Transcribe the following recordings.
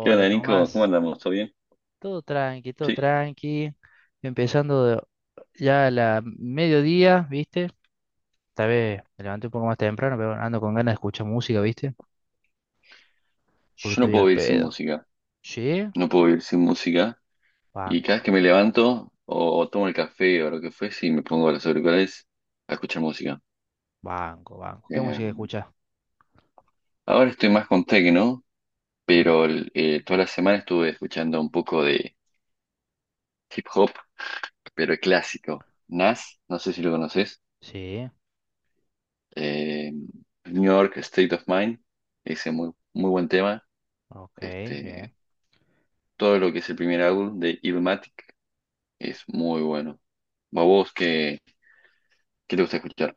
¿Qué onda, Nico? ¿Cómo Tomás, andamos? ¿Todo bien? todo tranqui, todo Sí, tranqui. Empezando de- ya a la mediodía, ¿viste? Esta vez me levanté un poco más temprano, pero ando con ganas de escuchar música, ¿viste? Porque yo no estoy puedo al vivir sin pedo. música. ¿Sí? No puedo vivir sin música. Y cada vez Banco, que me levanto o tomo el café o lo que fuese y me pongo los auriculares a escuchar música. banco, banco. ¿Qué Eh, música escuchas? Ahora estoy más con techno, Mm, pero toda la semana estuve escuchando un poco de hip hop, pero clásico. Nas, no sé si lo conoces. sí, eh, New York State of Mind, ese muy, muy buen tema. ok, bien. Este, Todo lo que es el primer álbum de Illmatic. Es muy bueno. ¿A vos qué te gusta escuchar?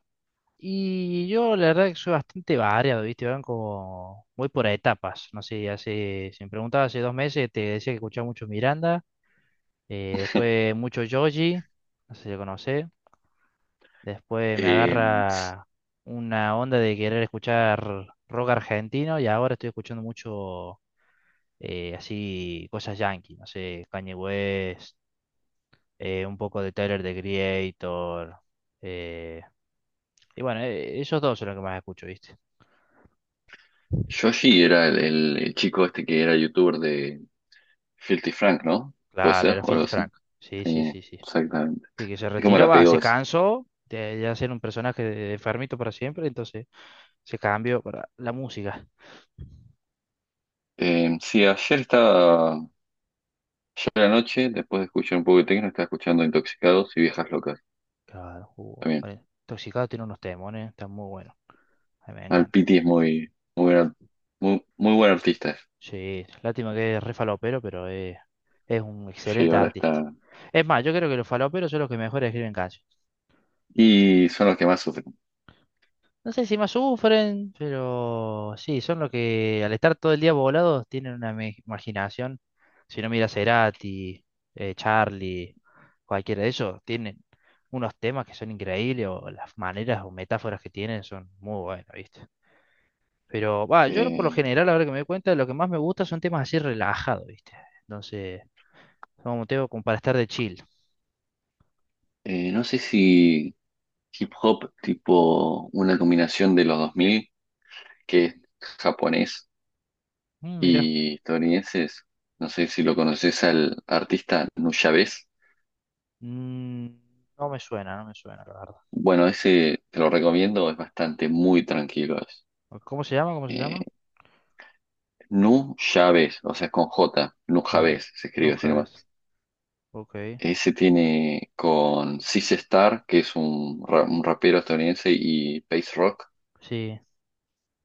Y yo la verdad que soy bastante variado, ¿viste? Van como, voy por etapas, no sé, hace, si me preguntabas hace 2 meses, te decía que escuchaba mucho Miranda, después mucho Joji, no sé si lo conocés, después me Eh, agarra una onda de querer escuchar rock argentino y ahora estoy escuchando mucho así cosas yankee, no sé, Kanye West, un poco de Tyler, The Creator. eh, y bueno, esos dos son los que más escucho, ¿viste? Yoshi era el chico este que era youtuber de Filthy Frank, ¿no? ¿Puede Claro, ser? era O algo Filthy así. Frank. Sí, sí, Sí, sí, sí. exactamente. Y que se Es como retiró, la va, pegó se ese. cansó de hacer un personaje de- enfermito para siempre, entonces se cambió para la música. Sí, ayer a la noche, después de escuchar un poco de techno, estaba escuchando Intoxicados y Viejas Locas Claro, jugó. también. Vale, Intoxicado tiene unos temones, está muy bueno. A mí me Al encanta. Piti es muy, muy buen artista. Sí, lástima que es re falopero, pero es un Sí, excelente ahora artista. está. Es más, yo creo que los faloperos son los que mejor escriben canciones. Y son los que más sufren. No sé si más sufren, pero sí, son los que al estar todo el día volados tienen una me- imaginación. Si no miras Cerati, Charlie, cualquiera de esos, tienen unos temas que son increíbles o las maneras o metáforas que tienen son muy buenas, ¿viste? Pero va, yo por lo Eh, general, ahora que me doy cuenta, lo que más me gusta son temas así relajados, ¿viste? Entonces, son un tema como para estar de chill. No sé si hip hop, tipo una combinación de los 2000 que es japonés Mm, mira, y estadounidenses. No sé si lo conoces al artista Nuyabes. mm, no me suena, no me suena, la verdad. Bueno, ese te lo recomiendo, es bastante muy tranquilo. ¿Cómo se llama? ¿Cómo se Eh, llama? Nujabes, o sea, es con J, Claro. Nujabes se No escribe así nomás. sabes. Ok, Ese tiene con Sis Star, que es un rapero estadounidense, y Pace Rock. sí,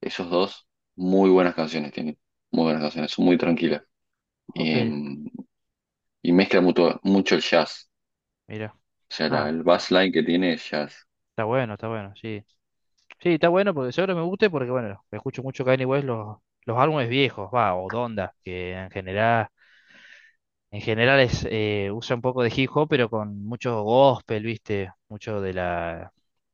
Esos dos, muy buenas canciones tienen. Muy buenas canciones, son muy tranquilas. ok, Eh, y mezcla mucho, mucho el jazz. mira. O sea, Ah, el bassline que tiene es jazz. Está bueno, sí. Sí, está bueno porque seguro me guste porque, bueno, escucho mucho Kanye West los álbumes viejos, va, o Donda, que en general es, usa un poco de hip hop, pero con mucho gospel, ¿viste? Mucho de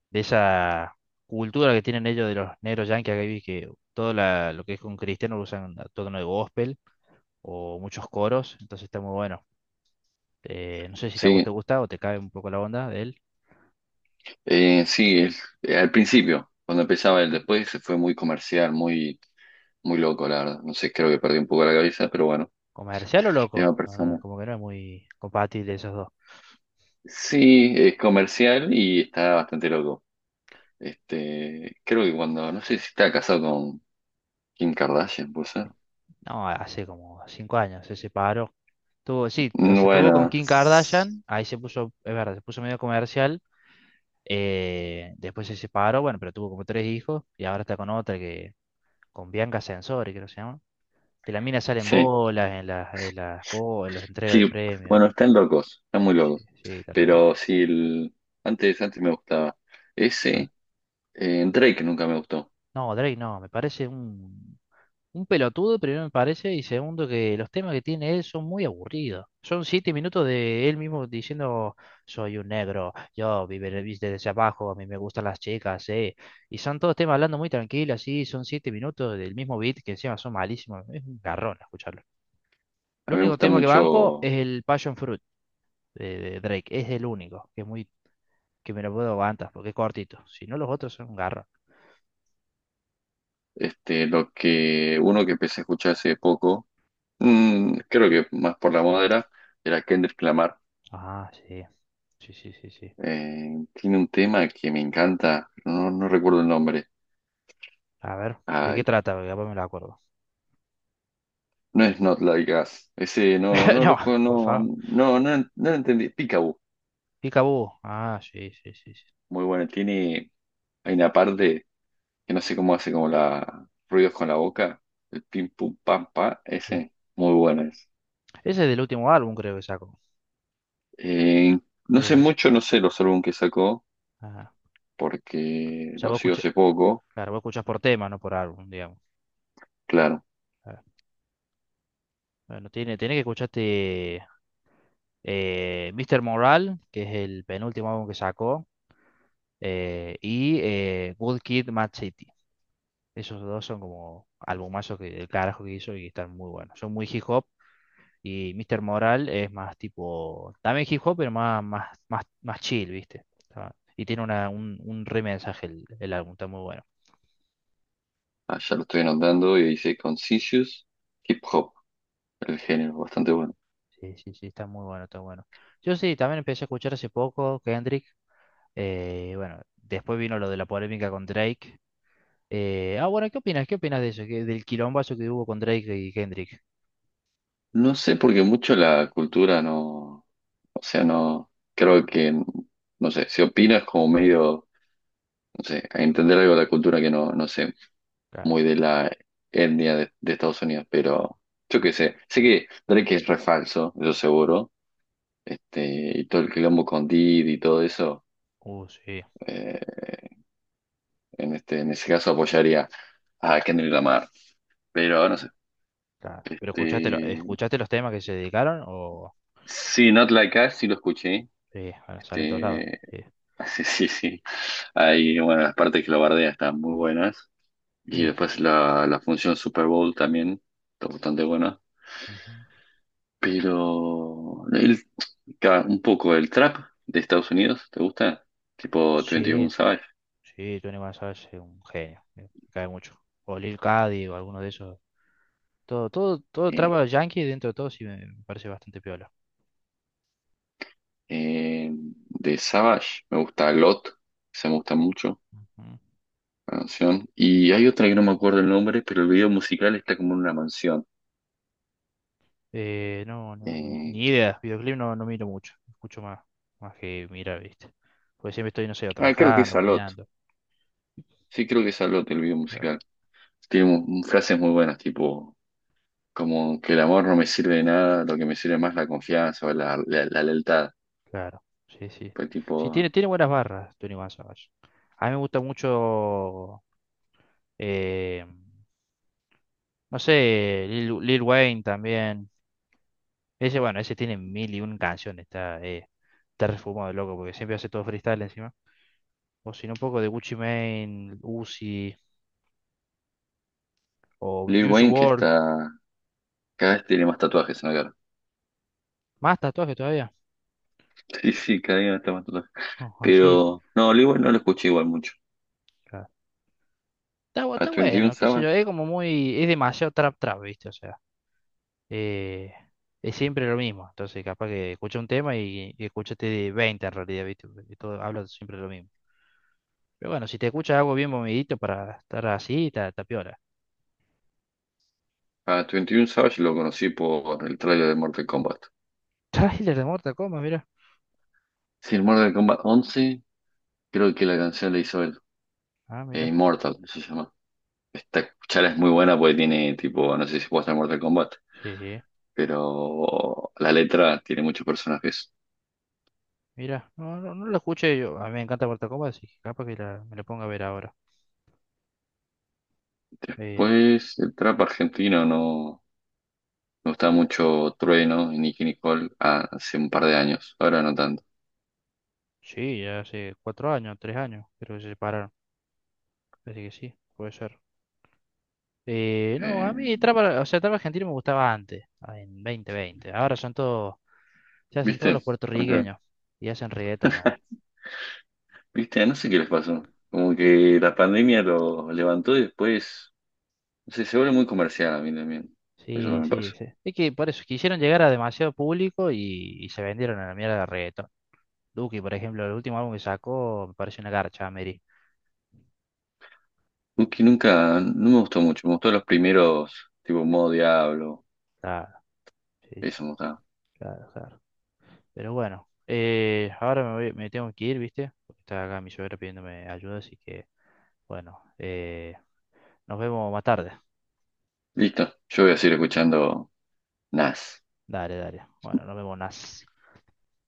de esa cultura que tienen ellos de los negros yankees, acá vi que todo la- lo que es con cristiano lo usan a tono de gospel o muchos coros, entonces está muy bueno. No sé si te, a vos te Sí, gusta o te cae un poco la onda de él. Sí, al principio, cuando empezaba él, después se fue muy comercial, muy, muy loco, la verdad. No sé, creo que perdí un poco la cabeza, pero bueno, ¿Comercial o es una loco? No, no, persona. como que no es muy compatible esos dos. Sí, es comercial y está bastante loco. Creo que no sé si está casado con Kim Kardashian, pues. No, hace como 5 años se separó. Tuvo, sí, o sea, tuvo con Bueno, Kim Kardashian, ahí se puso, es verdad, se puso medio comercial, después se separó, bueno, pero tuvo como 3 hijos y ahora está con otra que, con Bianca Sensori, creo que se llama. Que la mina sale en sí, bolas, bo- en las entregas sí, de premios. bueno, están locos, están muy Sí, locos. sí, está re loco. Pero sí, antes me gustaba. Claro. Ese. Drake nunca me gustó. No, Drake no, me parece un pelotudo, primero me parece, y segundo que los temas que tiene él son muy aburridos. Son siete minutos de él mismo diciendo, soy un negro, yo vive viste desde abajo, a mí me gustan las chicas, eh. Y son todos temas hablando muy tranquilos, así, son 7 minutos del mismo beat que encima son malísimos. Es un garrón escucharlo. El A mí me único gusta tema que banco es mucho el Passion Fruit de Drake, es el único, que es muy, que me lo puedo aguantar, porque es cortito. Si no, los otros son un garrón. Lo que uno que empecé a escuchar hace poco, creo que más por la moda era Kendrick Lamar. Ah, sí. Sí, sí, sí, sí. Tiene un tema que me encanta, no recuerdo el nombre. A ver, ¿de qué Ay, trata? Porque capaz me lo acuerdo. no es Not Like Us. Ese no, No, por no, favor. no, no, no lo entendí. Peekaboo. Peekaboo. Ah, sí, sí, sí, sí. Muy bueno. Hay una parte que no sé cómo hace como la ruidos con la boca. El pim pum pam pa. Sí. Ese, muy bueno. Ese es del último álbum, creo que sacó. Eh, no sé De, mucho, no sé los álbumes que sacó, ah, porque ya vos los sigo escuchás, hace poco, claro, vos escuchás por tema, no por álbum, digamos. claro, Claro. Bueno, tiene, tiene que escucharte Mr. Moral, que es el penúltimo álbum que sacó, Good Kid, Mad City. Esos dos son como albumazos que, el carajo que hizo y están muy buenos. Son muy hip hop, y Mr. Moral es más tipo, también hip hop, pero más, más, más, más chill, ¿viste? Está- y tiene una, un re mensaje el álbum, está muy bueno. allá lo estoy anotando y dice Conscious Hip Hop, el género, bastante bueno. Sí, sí, sí, está muy bueno, está bueno. Yo sí, también empecé a escuchar hace poco Kendrick. Bueno, después vino lo de la polémica con Drake. Bueno, ¿qué opinas? ¿Qué opinas de eso? Que- del quilombazo que hubo con Drake y Kendrick. No sé porque mucho la cultura no, o sea, no, creo que, no sé, si opinas como medio, no sé, a entender algo de la cultura que no, no sé, Claro. muy de la etnia de Estados Unidos, pero yo qué sé, sé que Drake es re falso, eso seguro, este, y todo el quilombo con Diddy y todo eso. Sí, Eh, en ese caso apoyaría a Kendrick Lamar. Pero no sé. claro. ¿Pero escuchaste, lo- Este, escuchaste los temas que se dedicaron? O... sí, Not Like Us sí lo escuché. Sí, bueno, salen todos lados. Este, Sí. sí, sí, sí. Ahí, bueno, las partes que lo bardea están muy buenas. Y Sí. después la función Super Bowl también está bastante buena. Ujú. Pero un poco el trap de Estados Unidos, ¿te gusta? Tipo Sí, 21 Savage. sí, Tony González es un genio, me cae mucho. O Lil Cady o alguno de esos. Todo, todo, todo Sí. traba yankee dentro de todo sí me parece bastante piola. De Savage me gusta Lot, se me gusta mucho. Ujú. Mansión. Y hay otra que no me acuerdo el nombre, pero el video musical está como en una mansión. No, no, ni, Eh, ni idea. Videoclip no, no miro mucho. Escucho más, más que mirar, ¿viste? Porque siempre estoy, no sé, o Creo que es trabajando, Alot. boludeando. Sí, creo que es Alot el video Claro, musical. Tiene frases muy buenas, tipo, como que el amor no me sirve de nada, lo que me sirve más es la confianza o la lealtad. claro. Sí, sí. Pues Sí, tiene, tipo, tiene buenas barras, Tony González. A mí me gusta mucho, eh, no sé, Lil Wayne también. Ese, bueno, ese tiene mil y un canciones, está, está refumado, loco, porque siempre hace todo freestyle encima. O si no, un poco de Gucci Mane, Uzi, o Lil Juice Wayne que WRLD, está, cada vez tiene más tatuajes en la cara. más tatuajes todavía. Sí, sí, cada día está más tatuajes. Oh, así, es. Pero, no, Lil Wayne no lo escuché igual mucho. Claro. Está, bu- A está Twenty One bueno, qué sé yo, Savage, es como muy, es demasiado trap trap, ¿viste? O sea, eh, es siempre lo mismo. Entonces, capaz que escucha un tema y escuchaste de 20 en realidad, ¿viste? Porque todo habla siempre lo mismo. Pero bueno, si te escuchas algo bien movidito para estar así, está, está piola. a Twenty One Savage lo conocí por el trailer de Mortal Kombat. Trailer de Mortal Kombat, mira. Sí, el Mortal Kombat 11. Creo que la canción de Isabel, Ah, mira. Immortal, se llama. Esta charla es muy buena porque tiene tipo, no sé si puede estar Mortal Kombat, Sí, pero la letra tiene muchos personajes. mira, no, no, no la escuché yo. A mí me encanta Mortal Kombat, así que capaz que la- me la ponga a ver ahora. Eh, Después, el trap argentino no me gustaba mucho Trueno y Nicki Nicole hace un par de años, ahora no tanto. sí, ya hace 4 años, 3 años, creo que se separaron. Así que sí, puede ser. No, a mí Eh, trap, o sea, trap argentino me gustaba antes, ah, en 2020. Ahora son todos, se hacen todos los ¿Viste? Ahora- puertorriqueños y hacen reggaeton no. ¿Viste? No sé qué les pasó. Como que la pandemia lo levantó y después, no sé, se vuelve muy comercial a mí también. Eso no Sí, me pasa. sí, sí. Es que por eso quisieron llegar a demasiado público y se vendieron a la mierda de reggaeton. Duki, por ejemplo, el último álbum que sacó me parece una garcha, Mary. Uki nunca, no me gustó mucho, me gustó los primeros, tipo modo Diablo, Sí, sí, eso me gustaba. claro, claro. Pero bueno, ahora me voy- me tengo que ir, ¿viste? Porque está acá mi suegra pidiéndome ayuda, así que bueno, nos vemos más tarde. Listo, yo voy a seguir escuchando Nas. Dale, dale. Bueno, nos vemos, Nas.